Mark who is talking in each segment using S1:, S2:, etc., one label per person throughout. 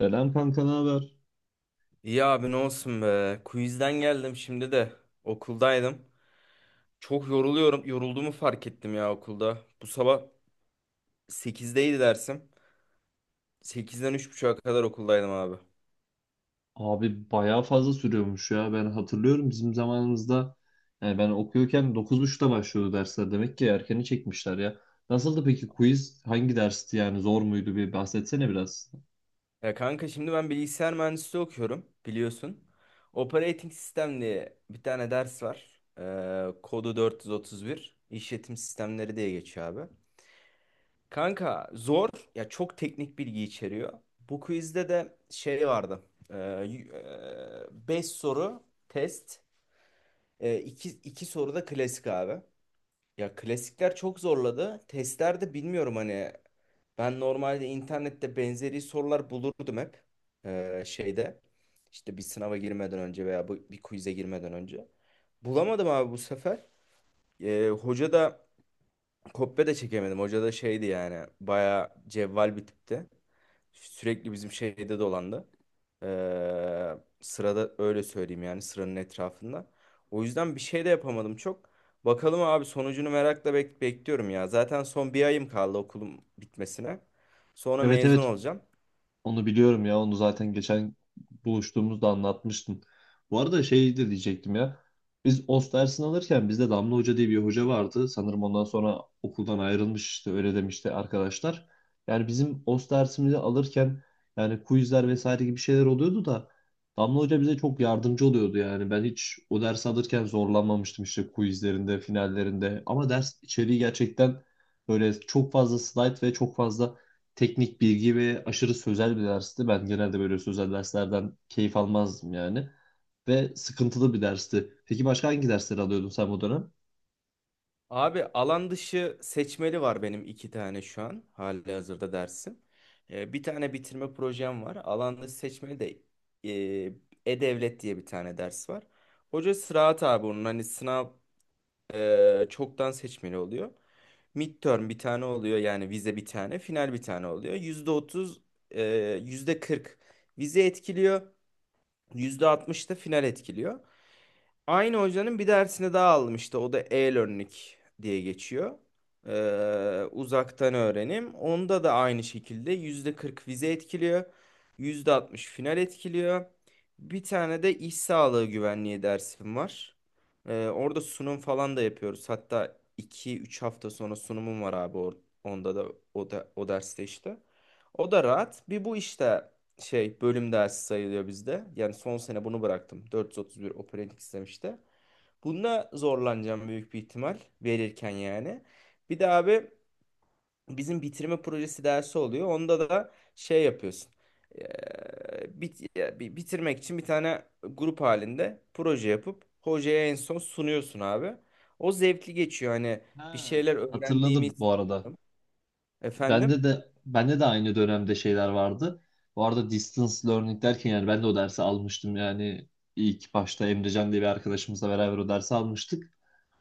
S1: Selam kanka, ne haber?
S2: İyi abi, ne olsun be. Quizden geldim şimdi de. Okuldaydım. Çok yoruluyorum. Yorulduğumu fark ettim ya, okulda. Bu sabah sekizdeydi dersim. Sekizden 3.30'a kadar okuldaydım abi.
S1: Abi bayağı fazla sürüyormuş ya. Ben hatırlıyorum bizim zamanımızda yani ben okuyorken dokuz buçukta başlıyordu dersler. Demek ki erkeni çekmişler ya. Nasıldı peki quiz? Hangi dersti yani, zor muydu, bir bahsetsene biraz.
S2: Ya kanka, şimdi ben bilgisayar mühendisliği okuyorum biliyorsun. Operating System diye bir tane ders var. Kodu 431. İşletim sistemleri diye geçiyor abi. Kanka zor ya, çok teknik bilgi içeriyor. Bu quizde de şey vardı, 5 soru test. E, 2 2 soru da klasik abi. Ya klasikler çok zorladı. Testlerde bilmiyorum hani, ben normalde internette benzeri sorular bulurdum hep. Şeyde işte, bir sınava girmeden önce veya bir quiz'e girmeden önce. Bulamadım abi bu sefer. Hoca da, kopya da çekemedim. Hoca da şeydi yani. Bayağı cevval bir tipti. Sürekli bizim şeyde dolandı. Sırada, öyle söyleyeyim yani, sıranın etrafında. O yüzden bir şey de yapamadım çok. Bakalım abi, sonucunu merakla bekliyorum ya. Zaten son bir ayım kaldı okulum bitmesine. Sonra
S1: Evet
S2: mezun
S1: evet,
S2: olacağım.
S1: onu biliyorum ya. Onu zaten geçen buluştuğumuzda anlatmıştın. Bu arada şey de diyecektim ya. Biz OST dersini alırken bizde Damla Hoca diye bir hoca vardı. Sanırım ondan sonra okuldan ayrılmış, işte öyle demişti arkadaşlar. Yani bizim OST dersimizi alırken yani quizler vesaire gibi şeyler oluyordu da Damla Hoca bize çok yardımcı oluyordu yani. Ben hiç o dersi alırken zorlanmamıştım işte quizlerinde, finallerinde. Ama ders içeriği gerçekten böyle çok fazla slide ve çok fazla teknik bilgi ve aşırı sözel bir dersti. Ben genelde böyle sözel derslerden keyif almazdım yani. Ve sıkıntılı bir dersti. Peki başka hangi dersleri alıyordun sen bu dönem?
S2: Abi alan dışı seçmeli var benim, iki tane şu an hali hazırda dersim. Bir tane bitirme projem var. Alan dışı seçmeli de E-Devlet diye bir tane ders var. Hoca sıraat abi onun, hani sınav çoktan seçmeli oluyor. Midterm bir tane oluyor yani, vize bir tane, final bir tane oluyor. %30, e, %40 vize etkiliyor, %60 da final etkiliyor. Aynı hocanın bir dersini daha aldım işte. O da e-learning diye geçiyor. Uzaktan öğrenim. Onda da aynı şekilde %40 vize etkiliyor, %60 final etkiliyor. Bir tane de iş sağlığı güvenliği dersim var. Orada sunum falan da yapıyoruz. Hatta 2-3 hafta sonra sunumum var abi, onda da o derste işte. O da rahat. Bir bu işte şey bölüm dersi sayılıyor bizde. Yani son sene bunu bıraktım. 431 operating sistem işte. Bununla zorlanacağım büyük bir ihtimal verirken yani. Bir de abi, bizim bitirme projesi dersi oluyor. Onda da şey yapıyorsun. Bitirmek için bir tane grup halinde proje yapıp hocaya en son sunuyorsun abi. O zevkli geçiyor. Hani bir
S1: Ha,
S2: şeyler
S1: hatırladım
S2: öğrendiğimiz...
S1: bu arada.
S2: Efendim?
S1: Bende de aynı dönemde şeyler vardı. Bu arada distance learning derken yani ben de o dersi almıştım yani ilk başta Emrecan diye bir arkadaşımızla beraber o dersi almıştık.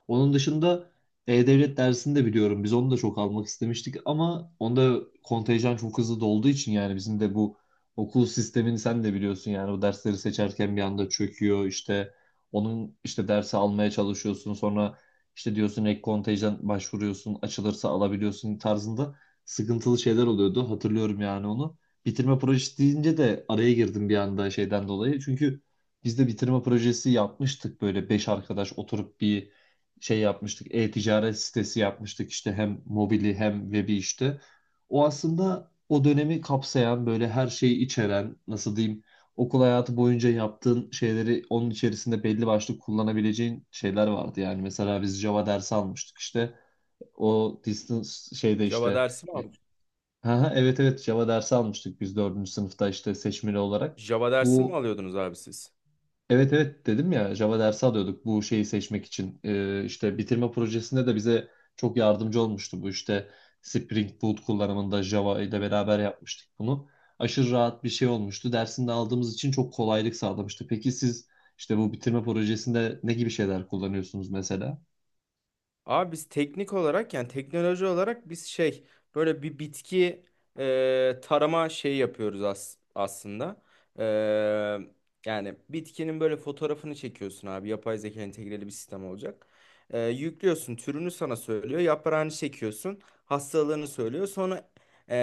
S1: Onun dışında E-Devlet dersini de biliyorum. Biz onu da çok almak istemiştik ama onda kontenjan çok hızlı dolduğu için yani bizim de bu okul sistemini sen de biliyorsun yani, o dersleri seçerken bir anda çöküyor, işte onun işte dersi almaya çalışıyorsun sonra işte diyorsun ek kontenjan başvuruyorsun açılırsa alabiliyorsun tarzında sıkıntılı şeyler oluyordu, hatırlıyorum yani onu. Bitirme projesi deyince de araya girdim bir anda şeyden dolayı, çünkü biz de bitirme projesi yapmıştık, böyle beş arkadaş oturup bir şey yapmıştık. E-ticaret sitesi yapmıştık işte, hem mobili hem webi işte. O aslında o dönemi kapsayan böyle her şeyi içeren, nasıl diyeyim, okul hayatı boyunca yaptığın şeyleri onun içerisinde belli başlı kullanabileceğin şeyler vardı. Yani mesela biz Java dersi almıştık işte, o distance şeyde
S2: Java
S1: işte.
S2: dersi mi al-
S1: Aha, evet evet, Java dersi almıştık biz dördüncü sınıfta işte seçmeli olarak.
S2: Java dersi mi
S1: Bu,
S2: alıyordunuz abi siz?
S1: evet evet, dedim ya Java dersi alıyorduk bu şeyi seçmek için. İşte bitirme projesinde de bize çok yardımcı olmuştu bu işte Spring Boot kullanımında Java ile beraber yapmıştık bunu. Aşırı rahat bir şey olmuştu. Dersini de aldığımız için çok kolaylık sağlamıştı. Peki siz işte bu bitirme projesinde ne gibi şeyler kullanıyorsunuz mesela?
S2: Abi biz teknik olarak, yani teknoloji olarak biz şey, böyle bir bitki tarama şeyi yapıyoruz aslında. E, yani bitkinin böyle fotoğrafını çekiyorsun abi, yapay zeka entegreli bir sistem olacak. Yüklüyorsun, türünü sana söylüyor, yaprağını çekiyorsun, hastalığını söylüyor. Sonra e,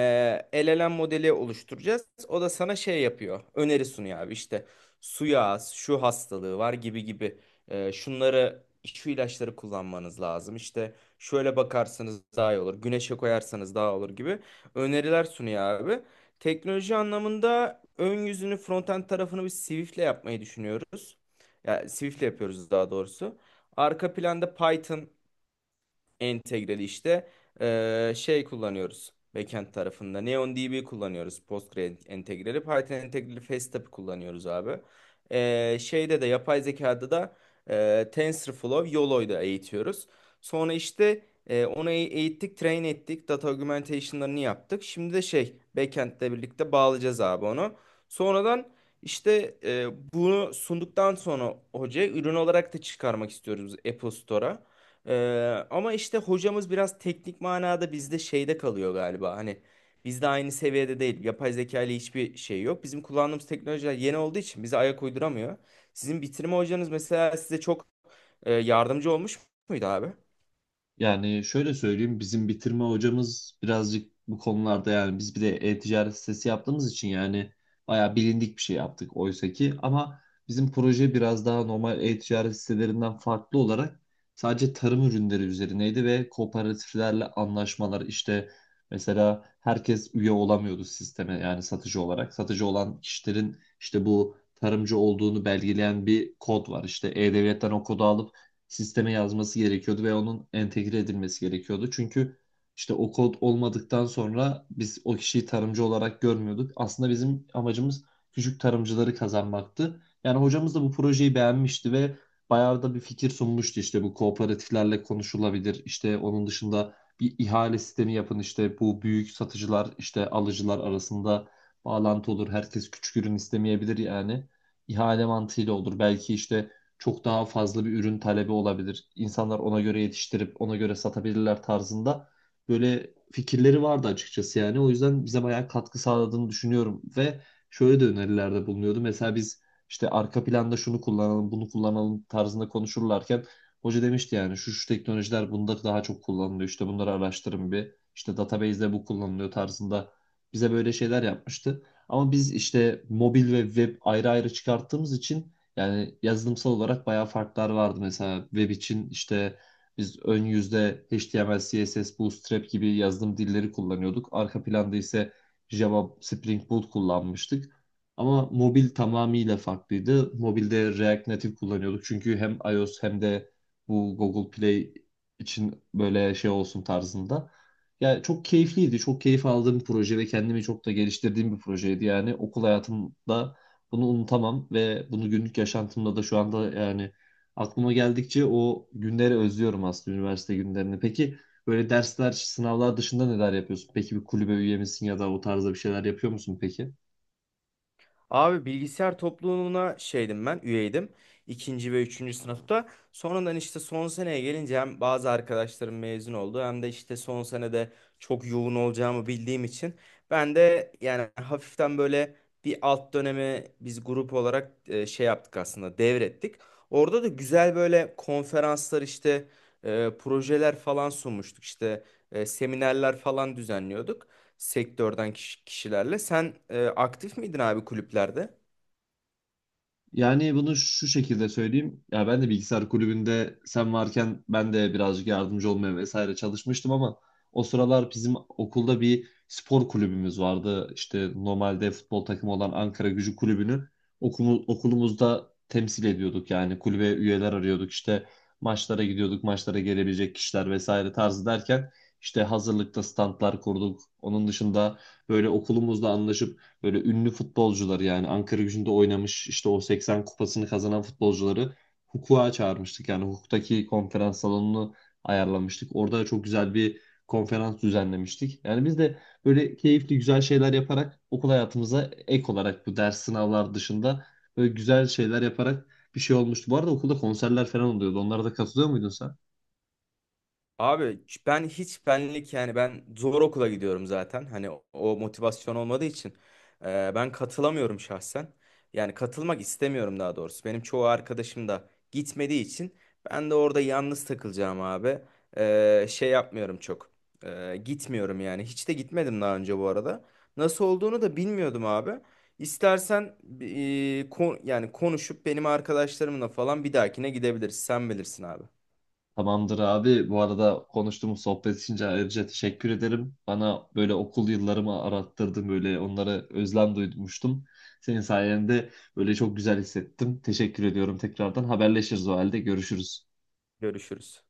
S2: LLM modeli oluşturacağız. O da sana şey yapıyor, öneri sunuyor abi, işte suya az, şu hastalığı var gibi gibi. Şunları, şu ilaçları kullanmanız lazım. İşte şöyle bakarsanız daha iyi olur. Güneşe koyarsanız daha olur gibi öneriler sunuyor abi. Teknoloji anlamında ön yüzünü, frontend tarafını biz Swift'le yapmayı düşünüyoruz. Ya Swift'le yapıyoruz daha doğrusu. Arka planda Python entegreli işte şey kullanıyoruz. Backend tarafında NeonDB kullanıyoruz, Postgre entegreli. Python entegreli Facetap kullanıyoruz abi. Şeyde de, yapay zekada da TensorFlow, YOLO'da eğitiyoruz. Sonra işte onu eğittik, train ettik. Data augmentation'larını yaptık. Şimdi de şey, backend'le birlikte bağlayacağız abi onu. Sonradan işte bunu sunduktan sonra hocaya ürün olarak da çıkarmak istiyoruz Apple Store'a. Ama işte hocamız biraz teknik manada bizde şeyde kalıyor galiba. Hani bizde aynı seviyede değil. Yapay zeka ile hiçbir şey yok. Bizim kullandığımız teknolojiler yeni olduğu için bize ayak uyduramıyor. Sizin bitirme hocanız mesela size çok yardımcı olmuş muydu abi?
S1: Yani şöyle söyleyeyim, bizim bitirme hocamız birazcık bu konularda, yani biz bir de e-ticaret sitesi yaptığımız için yani bayağı bilindik bir şey yaptık oysa ki, ama bizim proje biraz daha normal e-ticaret sitelerinden farklı olarak sadece tarım ürünleri üzerineydi ve kooperatiflerle anlaşmalar işte, mesela herkes üye olamıyordu sisteme yani satıcı olarak. Satıcı olan kişilerin işte bu tarımcı olduğunu belgeleyen bir kod var. İşte e-devletten o kodu alıp sisteme yazması gerekiyordu ve onun entegre edilmesi gerekiyordu. Çünkü işte o kod olmadıktan sonra biz o kişiyi tarımcı olarak görmüyorduk. Aslında bizim amacımız küçük tarımcıları kazanmaktı. Yani hocamız da bu projeyi beğenmişti ve bayağı da bir fikir sunmuştu. İşte bu kooperatiflerle konuşulabilir. İşte onun dışında bir ihale sistemi yapın. İşte bu büyük satıcılar işte alıcılar arasında bağlantı olur. Herkes küçük ürün istemeyebilir yani. İhale mantığıyla olur. Belki işte çok daha fazla bir ürün talebi olabilir. İnsanlar ona göre yetiştirip ona göre satabilirler tarzında böyle fikirleri vardı açıkçası yani. O yüzden bize bayağı katkı sağladığını düşünüyorum. Ve şöyle de önerilerde bulunuyordu. Mesela biz işte arka planda şunu kullanalım, bunu kullanalım tarzında konuşurlarken hoca demişti yani şu şu teknolojiler bunda daha çok kullanılıyor. İşte bunları araştırın bir. İşte database'de bu kullanılıyor tarzında bize böyle şeyler yapmıştı. Ama biz işte mobil ve web ayrı ayrı çıkarttığımız için yani yazılımsal olarak bayağı farklar vardı. Mesela web için işte biz ön yüzde HTML, CSS, Bootstrap gibi yazılım dilleri kullanıyorduk. Arka planda ise Java, Spring Boot kullanmıştık. Ama mobil tamamıyla farklıydı. Mobilde React Native kullanıyorduk. Çünkü hem iOS hem de bu Google Play için böyle şey olsun tarzında. Yani çok keyifliydi. Çok keyif aldığım bir proje ve kendimi çok da geliştirdiğim bir projeydi. Yani okul hayatımda bunu unutamam ve bunu günlük yaşantımda da şu anda yani aklıma geldikçe o günleri özlüyorum aslında, üniversite günlerini. Peki böyle dersler, sınavlar dışında neler yapıyorsun? Peki bir kulübe üye misin ya da o tarzda bir şeyler yapıyor musun peki?
S2: Abi bilgisayar topluluğuna şeydim ben, üyeydim. İkinci ve üçüncü sınıfta. Sonradan işte son seneye gelince hem bazı arkadaşlarım mezun oldu, hem de işte son senede çok yoğun olacağımı bildiğim için ben de yani hafiften böyle bir alt dönemi biz grup olarak şey yaptık aslında, devrettik. Orada da güzel böyle konferanslar işte, projeler falan sunmuştuk işte, seminerler falan düzenliyorduk sektörden kişilerle. Sen aktif miydin abi kulüplerde?
S1: Yani bunu şu şekilde söyleyeyim. Ya ben de bilgisayar kulübünde sen varken ben de birazcık yardımcı olmaya vesaire çalışmıştım ama o sıralar bizim okulda bir spor kulübümüz vardı. İşte normalde futbol takımı olan Ankara Gücü Kulübü'nü okulumuzda temsil ediyorduk. Yani kulübe üyeler arıyorduk. İşte maçlara gidiyorduk, maçlara gelebilecek kişiler vesaire tarzı derken işte hazırlıkta standlar kurduk. Onun dışında böyle okulumuzla anlaşıp böyle ünlü futbolcuları, yani Ankara Gücü'nde oynamış işte o 80 kupasını kazanan futbolcuları hukuka çağırmıştık. Yani hukuktaki konferans salonunu ayarlamıştık. Orada çok güzel bir konferans düzenlemiştik. Yani biz de böyle keyifli güzel şeyler yaparak okul hayatımıza ek olarak bu ders sınavlar dışında böyle güzel şeyler yaparak bir şey olmuştu. Bu arada okulda konserler falan oluyordu. Onlara da katılıyor muydun sen?
S2: Abi ben hiç benlik yani, ben zor okula gidiyorum zaten. Hani o motivasyon olmadığı için ben katılamıyorum şahsen. Yani katılmak istemiyorum daha doğrusu. Benim çoğu arkadaşım da gitmediği için ben de orada yalnız takılacağım abi. Şey yapmıyorum çok. Gitmiyorum yani. Hiç de gitmedim daha önce bu arada. Nasıl olduğunu da bilmiyordum abi. İstersen yani konuşup benim arkadaşlarımla falan bir dahakine gidebiliriz. Sen bilirsin abi.
S1: Tamamdır abi. Bu arada konuştuğumuz sohbet için ayrıca teşekkür ederim. Bana böyle okul yıllarımı arattırdın. Böyle onlara özlem duymuştum. Senin sayende böyle çok güzel hissettim. Teşekkür ediyorum tekrardan. Haberleşiriz o halde. Görüşürüz.
S2: Görüşürüz.